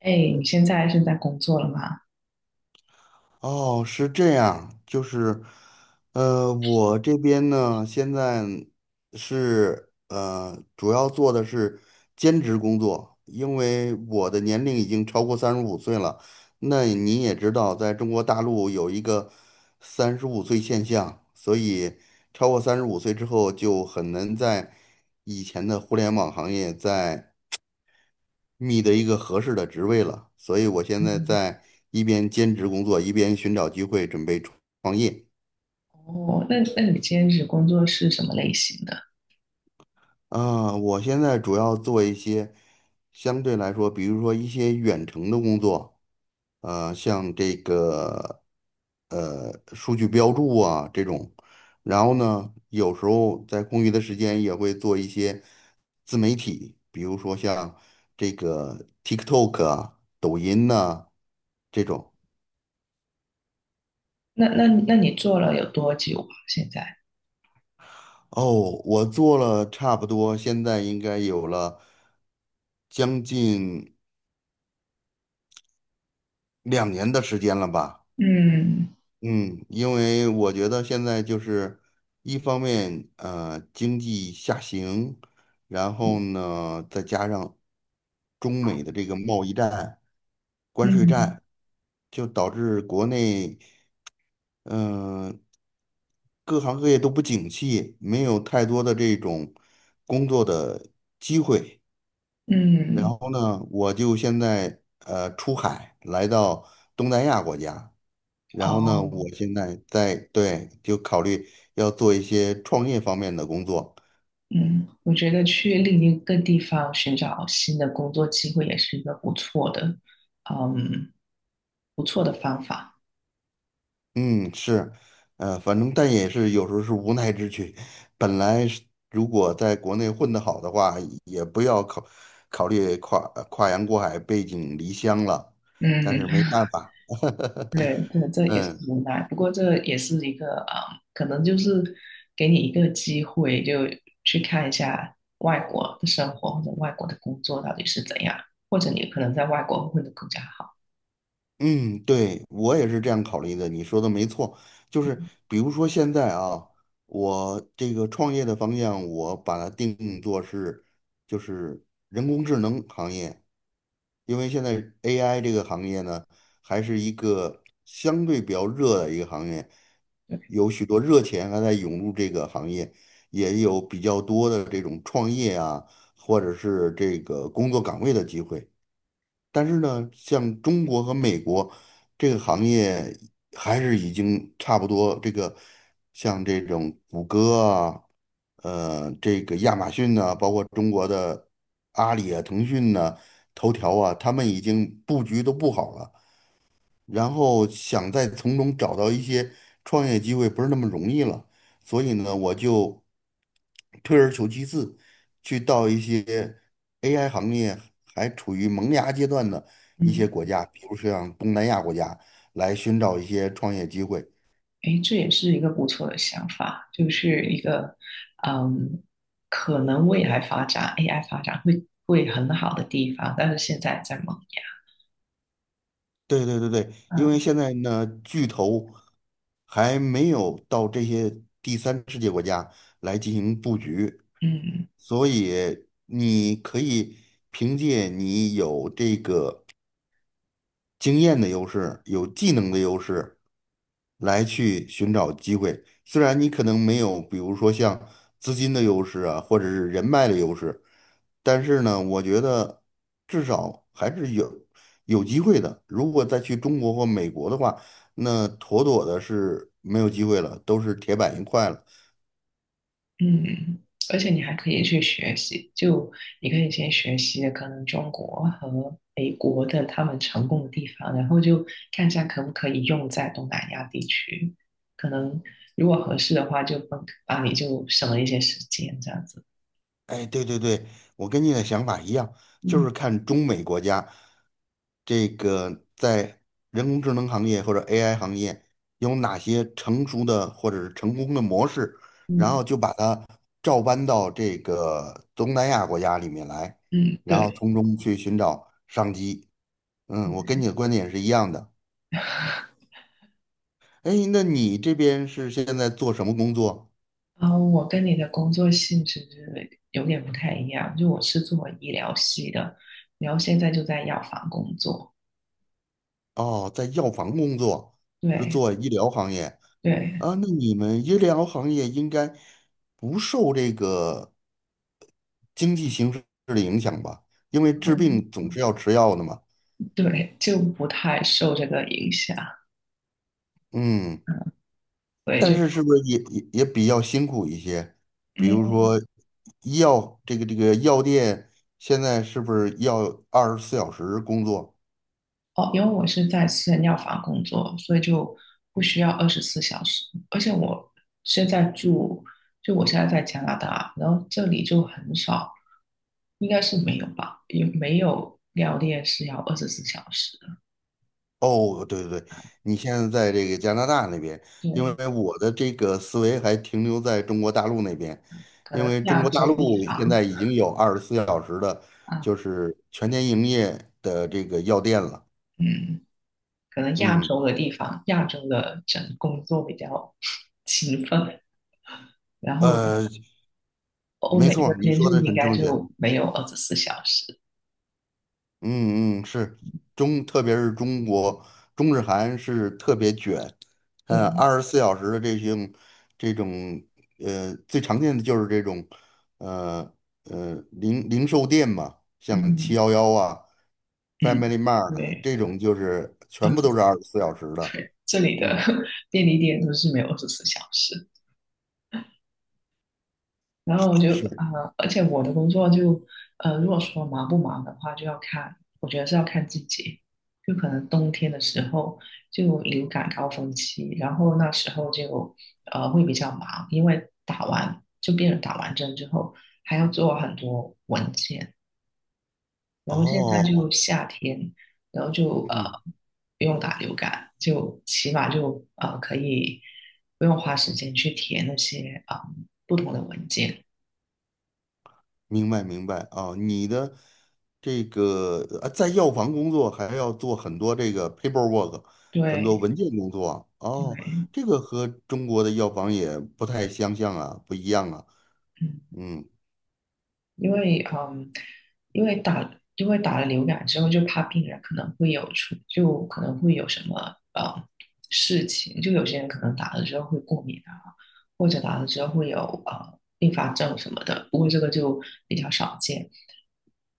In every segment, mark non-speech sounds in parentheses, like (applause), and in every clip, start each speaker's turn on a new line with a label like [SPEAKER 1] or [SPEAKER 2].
[SPEAKER 1] 哎，你现在是在工作了吗？
[SPEAKER 2] 哦，是这样，就是，我这边呢，现在是主要做的是兼职工作，因为我的年龄已经超过三十五岁了。那你也知道，在中国大陆有一个三十五岁现象，所以超过三十五岁之后就很难在以前的互联网行业在。觅得一个合适的职位了，所以我现在
[SPEAKER 1] 嗯，
[SPEAKER 2] 在一边兼职工作，一边寻找机会准备创业。
[SPEAKER 1] 哦，那你兼职工作是什么类型的？
[SPEAKER 2] 啊，我现在主要做一些相对来说，比如说一些远程的工作，像这个数据标注啊这种，然后呢，有时候在空余的时间也会做一些自媒体，比如说像这个 TikTok 啊、抖音呐、这种。
[SPEAKER 1] 那你做了有多久啊？现在？
[SPEAKER 2] 哦，我做了差不多，现在应该有了将近2年的时间了吧。
[SPEAKER 1] 嗯
[SPEAKER 2] 嗯，因为我觉得现在就是一方面，经济下行，然后呢，再加上中美的这个贸易战、关税
[SPEAKER 1] 嗯
[SPEAKER 2] 战，就导致国内，嗯、各行各业都不景气，没有太多的这种工作的。然
[SPEAKER 1] 嗯，
[SPEAKER 2] 后呢，我就现在出海来到东南亚国家，然后呢，
[SPEAKER 1] 哦，
[SPEAKER 2] 我现在在对就考虑要做一些创业方面的工作。
[SPEAKER 1] 嗯，我觉得去另一个地方寻找新的工作机会也是一个不错的，嗯，不错的方法。
[SPEAKER 2] 嗯，是，反正但也是有时候是无奈之举。本来是如果在国内混得好的话，也不要考虑跨洋过海、背井离乡了，但是没
[SPEAKER 1] 嗯。
[SPEAKER 2] 办法。(laughs)
[SPEAKER 1] 对，这也是
[SPEAKER 2] 嗯。
[SPEAKER 1] 无奈，不过这也是一个啊、可能就是给你一个机会，就去看一下外国的生活或者外国的工作到底是怎样，或者你可能在外国混得更加好。
[SPEAKER 2] 嗯，对，我也是这样考虑的，你说的没错，就是比如说现在啊，我这个创业的方向，我把它定做是就是人工智能行业，因为现在 AI 这个行业呢，还是一个相对比较热的一个行业，
[SPEAKER 1] 对，
[SPEAKER 2] 有许多热钱还在涌入这个行业，也有比较多的这种创业啊，或者是这个工作岗位的机会。但是呢，像中国和美国这个行业还是已经差不多。这个像这种谷歌啊，这个亚马逊呢、包括中国的阿里啊、腾讯呢、头条啊，他们已经布局都布好了。然后想再从中找到一些创业机会不是那么容易了，所以呢，我就退而求其次，去到一些 AI 行业还处于萌芽阶段的一些
[SPEAKER 1] 嗯，
[SPEAKER 2] 国家，比如说像东南亚国家，来寻找一些创业机会。
[SPEAKER 1] 诶，这也是一个不错的想法，就是一个嗯，可能未来发展 AI 发展会很好的地方，但是现在在萌芽。
[SPEAKER 2] 对对对对，因为
[SPEAKER 1] 嗯
[SPEAKER 2] 现在呢，巨头还没有到这些第三世界国家来进行布局，
[SPEAKER 1] 嗯。
[SPEAKER 2] 所以你可以凭借你有这个经验的优势，有技能的优势，来去寻找机会。虽然你可能没有，比如说像资金的优势啊，或者是人脉的优势，但是呢，我觉得至少还是有机会的。如果再去中国或美国的话，那妥妥的是没有机会了，都是铁板一块了。
[SPEAKER 1] 嗯，而且你还可以去学习，就你可以先学习可能中国和美国的他们成功的地方，然后就看一下可不可以用在东南亚地区。可能如果合适的话，就帮帮你就省了一些时间这样子。
[SPEAKER 2] 哎，对对对，我跟你的想法一样，就是
[SPEAKER 1] 嗯
[SPEAKER 2] 看中美国家这个在人工智能行业或者 AI 行业有哪些成熟的或者是成功的模式，然后
[SPEAKER 1] 嗯
[SPEAKER 2] 就把它照搬到这个东南亚国家里面来，
[SPEAKER 1] 嗯，
[SPEAKER 2] 然后
[SPEAKER 1] 对
[SPEAKER 2] 从中去寻找商机。嗯，我跟
[SPEAKER 1] 对。
[SPEAKER 2] 你的观点是一样的。哎，那你这边是现在做什么工作？
[SPEAKER 1] 然后我跟你的工作性质有点不太一样，就我是做医疗系的，然后现在就在药房工作。
[SPEAKER 2] 哦，在药房工作，是
[SPEAKER 1] 对
[SPEAKER 2] 做医疗行业。
[SPEAKER 1] 对。
[SPEAKER 2] 啊，那你们医疗行业应该不受这个经济形势的影响吧？因为治
[SPEAKER 1] 嗯
[SPEAKER 2] 病总是要吃药的嘛。
[SPEAKER 1] 对，就不太受这个影响，
[SPEAKER 2] 嗯，
[SPEAKER 1] 嗯，所以
[SPEAKER 2] 但
[SPEAKER 1] 就，
[SPEAKER 2] 是是不是也比较辛苦一些？比如
[SPEAKER 1] 嗯，
[SPEAKER 2] 说医药这个药店现在是不是要二十四小时工作？
[SPEAKER 1] 哦，因为我是在私人药房工作，所以就不需要二十四小时，而且我现在住，就我现在在加拿大，然后这里就很少，应该是没有吧，也没有药店是要二十四小时的，
[SPEAKER 2] 哦，对对对，你现在在这个加拿大那边，因
[SPEAKER 1] 对，
[SPEAKER 2] 为我的这个思维还停留在中国大陆那边，
[SPEAKER 1] 可
[SPEAKER 2] 因
[SPEAKER 1] 能
[SPEAKER 2] 为中
[SPEAKER 1] 亚
[SPEAKER 2] 国大
[SPEAKER 1] 洲地
[SPEAKER 2] 陆现在
[SPEAKER 1] 方
[SPEAKER 2] 已经有二十四小时的，
[SPEAKER 1] 啊，
[SPEAKER 2] 就是全天营业的这个药店了。
[SPEAKER 1] 嗯，可能亚
[SPEAKER 2] 嗯，
[SPEAKER 1] 洲的地方，亚洲的整工作比较 (laughs) 勤奋，然后。
[SPEAKER 2] 呃，
[SPEAKER 1] 欧
[SPEAKER 2] 没
[SPEAKER 1] 美
[SPEAKER 2] 错
[SPEAKER 1] 这
[SPEAKER 2] 儿你
[SPEAKER 1] 边
[SPEAKER 2] 说
[SPEAKER 1] 就
[SPEAKER 2] 的
[SPEAKER 1] 应
[SPEAKER 2] 很
[SPEAKER 1] 该
[SPEAKER 2] 正确。
[SPEAKER 1] 就没有二十四小时。
[SPEAKER 2] 嗯嗯，是特别是中国中日韩是特别卷，
[SPEAKER 1] 对，
[SPEAKER 2] 二十四小时的这种最常见的就是这种呃零售店嘛，像七
[SPEAKER 1] 嗯
[SPEAKER 2] 幺幺啊、
[SPEAKER 1] 嗯，
[SPEAKER 2] Family Mart 啊
[SPEAKER 1] 对，
[SPEAKER 2] 这种就是
[SPEAKER 1] 二
[SPEAKER 2] 全部
[SPEAKER 1] 十
[SPEAKER 2] 都是二十四小时的，
[SPEAKER 1] 对，这里的
[SPEAKER 2] 嗯，
[SPEAKER 1] (laughs) 便利店都是没有24小时。然后我就
[SPEAKER 2] 是
[SPEAKER 1] 而且我的工作就如果说忙不忙的话，就要看，我觉得是要看季节。就可能冬天的时候就流感高峰期，然后那时候就会比较忙，因为打完就病人打完针之后还要做很多文件，然后现在就
[SPEAKER 2] 哦。
[SPEAKER 1] 夏天，然后就
[SPEAKER 2] 嗯。
[SPEAKER 1] 不用打流感，就起码就可以不用花时间去填那些啊、不同的文件。
[SPEAKER 2] 明白明白啊，你的这个在药房工作还要做很多这个 paperwork，很多
[SPEAKER 1] 对
[SPEAKER 2] 文件工作啊哦，
[SPEAKER 1] 对，
[SPEAKER 2] 这个和中国的药房也不太相像啊，不一样啊，
[SPEAKER 1] 嗯。
[SPEAKER 2] 嗯，
[SPEAKER 1] 因为嗯，因为打因为打了流感之后，就怕病人可能会有出，就可能会有什么呃事情，就有些人可能打了之后会过敏啊，或者打了之后会有并发症什么的，不过这个就比较少见。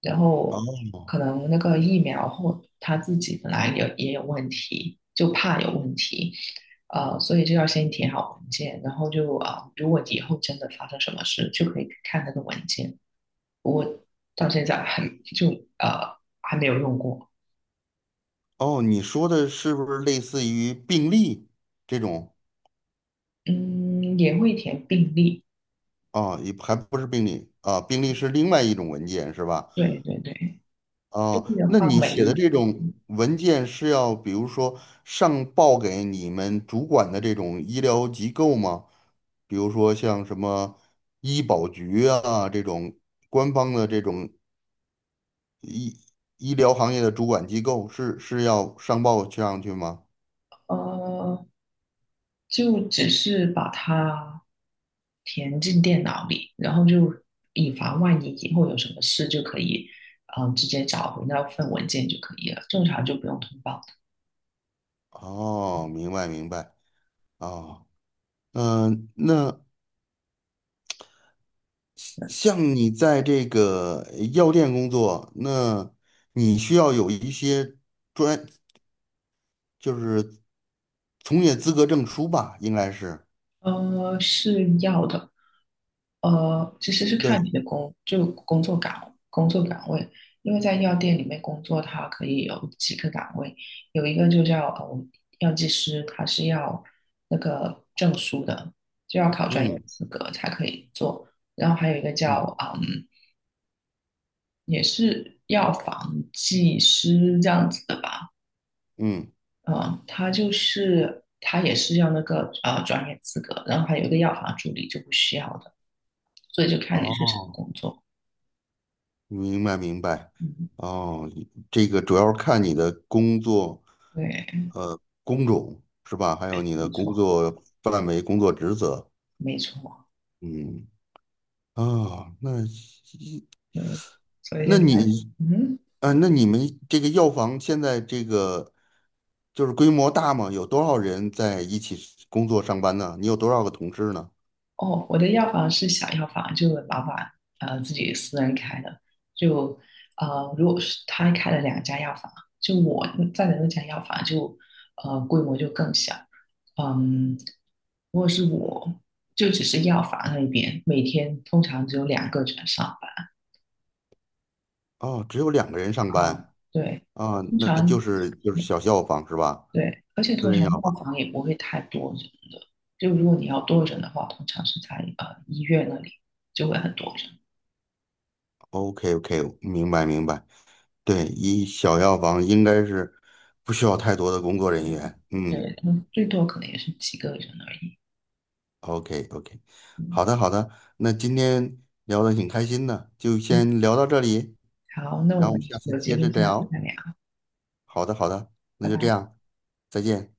[SPEAKER 1] 然后
[SPEAKER 2] 哦
[SPEAKER 1] 可能那个疫苗或他自己本来也有问题，就怕有问题，所以就要先填好文件，然后就啊、如果以后真的发生什么事，就可以看那个文件。我到现在就还没有用过。
[SPEAKER 2] 哦，你说的是不是类似于病历这种
[SPEAKER 1] 嗯，也会填病历，
[SPEAKER 2] 啊？也还不是病历啊，病历是另外一种文件是吧？
[SPEAKER 1] 对对对，病
[SPEAKER 2] 哦，
[SPEAKER 1] 历的
[SPEAKER 2] 那
[SPEAKER 1] 话
[SPEAKER 2] 你
[SPEAKER 1] 每
[SPEAKER 2] 写的
[SPEAKER 1] 日，
[SPEAKER 2] 这种文件是要，比如说上报给你们主管的这种医疗机构吗？比如说像什么医保局啊这种官方的这种医疗行业的主管机构是要上报上去吗？
[SPEAKER 1] 呃，就只是把它填进电脑里，然后就以防万一以后有什么事就可以，直接找回那份文件就可以了，正常就不用通报。
[SPEAKER 2] 哦，明白明白。哦，那像你在这个药店工作，那你需要有一些。专。就是从业资格证书吧，应该是。
[SPEAKER 1] 是要的。其实是看
[SPEAKER 2] 对，
[SPEAKER 1] 你的工，就工作岗位，因为在药店里面工作，它可以有几个岗位，有一个就叫药剂师，他是要那个证书的，就要考专业
[SPEAKER 2] 嗯
[SPEAKER 1] 资格才可以做。然后还有一个
[SPEAKER 2] 嗯
[SPEAKER 1] 叫也是药房技师这样子的吧，
[SPEAKER 2] 嗯，
[SPEAKER 1] 嗯，他也是要那个专业资格，然后还有一个药房助理就不需要的。所以就看你是什么
[SPEAKER 2] 哦，
[SPEAKER 1] 工作。
[SPEAKER 2] 明白明白。
[SPEAKER 1] 嗯，
[SPEAKER 2] 哦，这个主要是看你的工作，
[SPEAKER 1] 对，
[SPEAKER 2] 工种是吧？还有你的
[SPEAKER 1] 没
[SPEAKER 2] 工
[SPEAKER 1] 错，
[SPEAKER 2] 作范围、工作职责。
[SPEAKER 1] 没错，
[SPEAKER 2] 嗯，啊，
[SPEAKER 1] 对，所以
[SPEAKER 2] 那
[SPEAKER 1] 现在，
[SPEAKER 2] 你
[SPEAKER 1] 嗯，
[SPEAKER 2] 那你们这个药房现在这个就是规模大吗？有多少人在一起工作上班呢？你有多少个同事呢？
[SPEAKER 1] 哦，我的药房是小药房，就老板自己私人开的，就如果是他开了两家药房，就我在的那家药房就规模就更小，嗯，如果是我就只是药房那边，每天通常只有两个人上班，
[SPEAKER 2] 哦，只有2个人上班
[SPEAKER 1] 嗯，对，
[SPEAKER 2] 啊，
[SPEAKER 1] 通
[SPEAKER 2] 那就
[SPEAKER 1] 常。
[SPEAKER 2] 是就是小药房是吧？
[SPEAKER 1] 对，而且
[SPEAKER 2] 私
[SPEAKER 1] 通
[SPEAKER 2] 人
[SPEAKER 1] 常
[SPEAKER 2] 药
[SPEAKER 1] 药
[SPEAKER 2] 房
[SPEAKER 1] 房也不会太多人的，就如果你要多人的话，通常是在医院那里就会很多人。
[SPEAKER 2] ，OK OK，明白明白。对，一小药房应该是不需要太多的工作人
[SPEAKER 1] 嗯，
[SPEAKER 2] 员。嗯
[SPEAKER 1] 对，他们最多可能也是几个人而已。
[SPEAKER 2] ，OK OK，
[SPEAKER 1] 嗯
[SPEAKER 2] 好的好的，那今天聊得挺开心的，就
[SPEAKER 1] 嗯，
[SPEAKER 2] 先聊到这里，
[SPEAKER 1] 好，那我
[SPEAKER 2] 然后我们
[SPEAKER 1] 们
[SPEAKER 2] 下次
[SPEAKER 1] 有机
[SPEAKER 2] 接
[SPEAKER 1] 会
[SPEAKER 2] 着
[SPEAKER 1] 下次
[SPEAKER 2] 聊。
[SPEAKER 1] 再聊，
[SPEAKER 2] 好的好的，那
[SPEAKER 1] 拜
[SPEAKER 2] 就这
[SPEAKER 1] 拜。
[SPEAKER 2] 样，再见。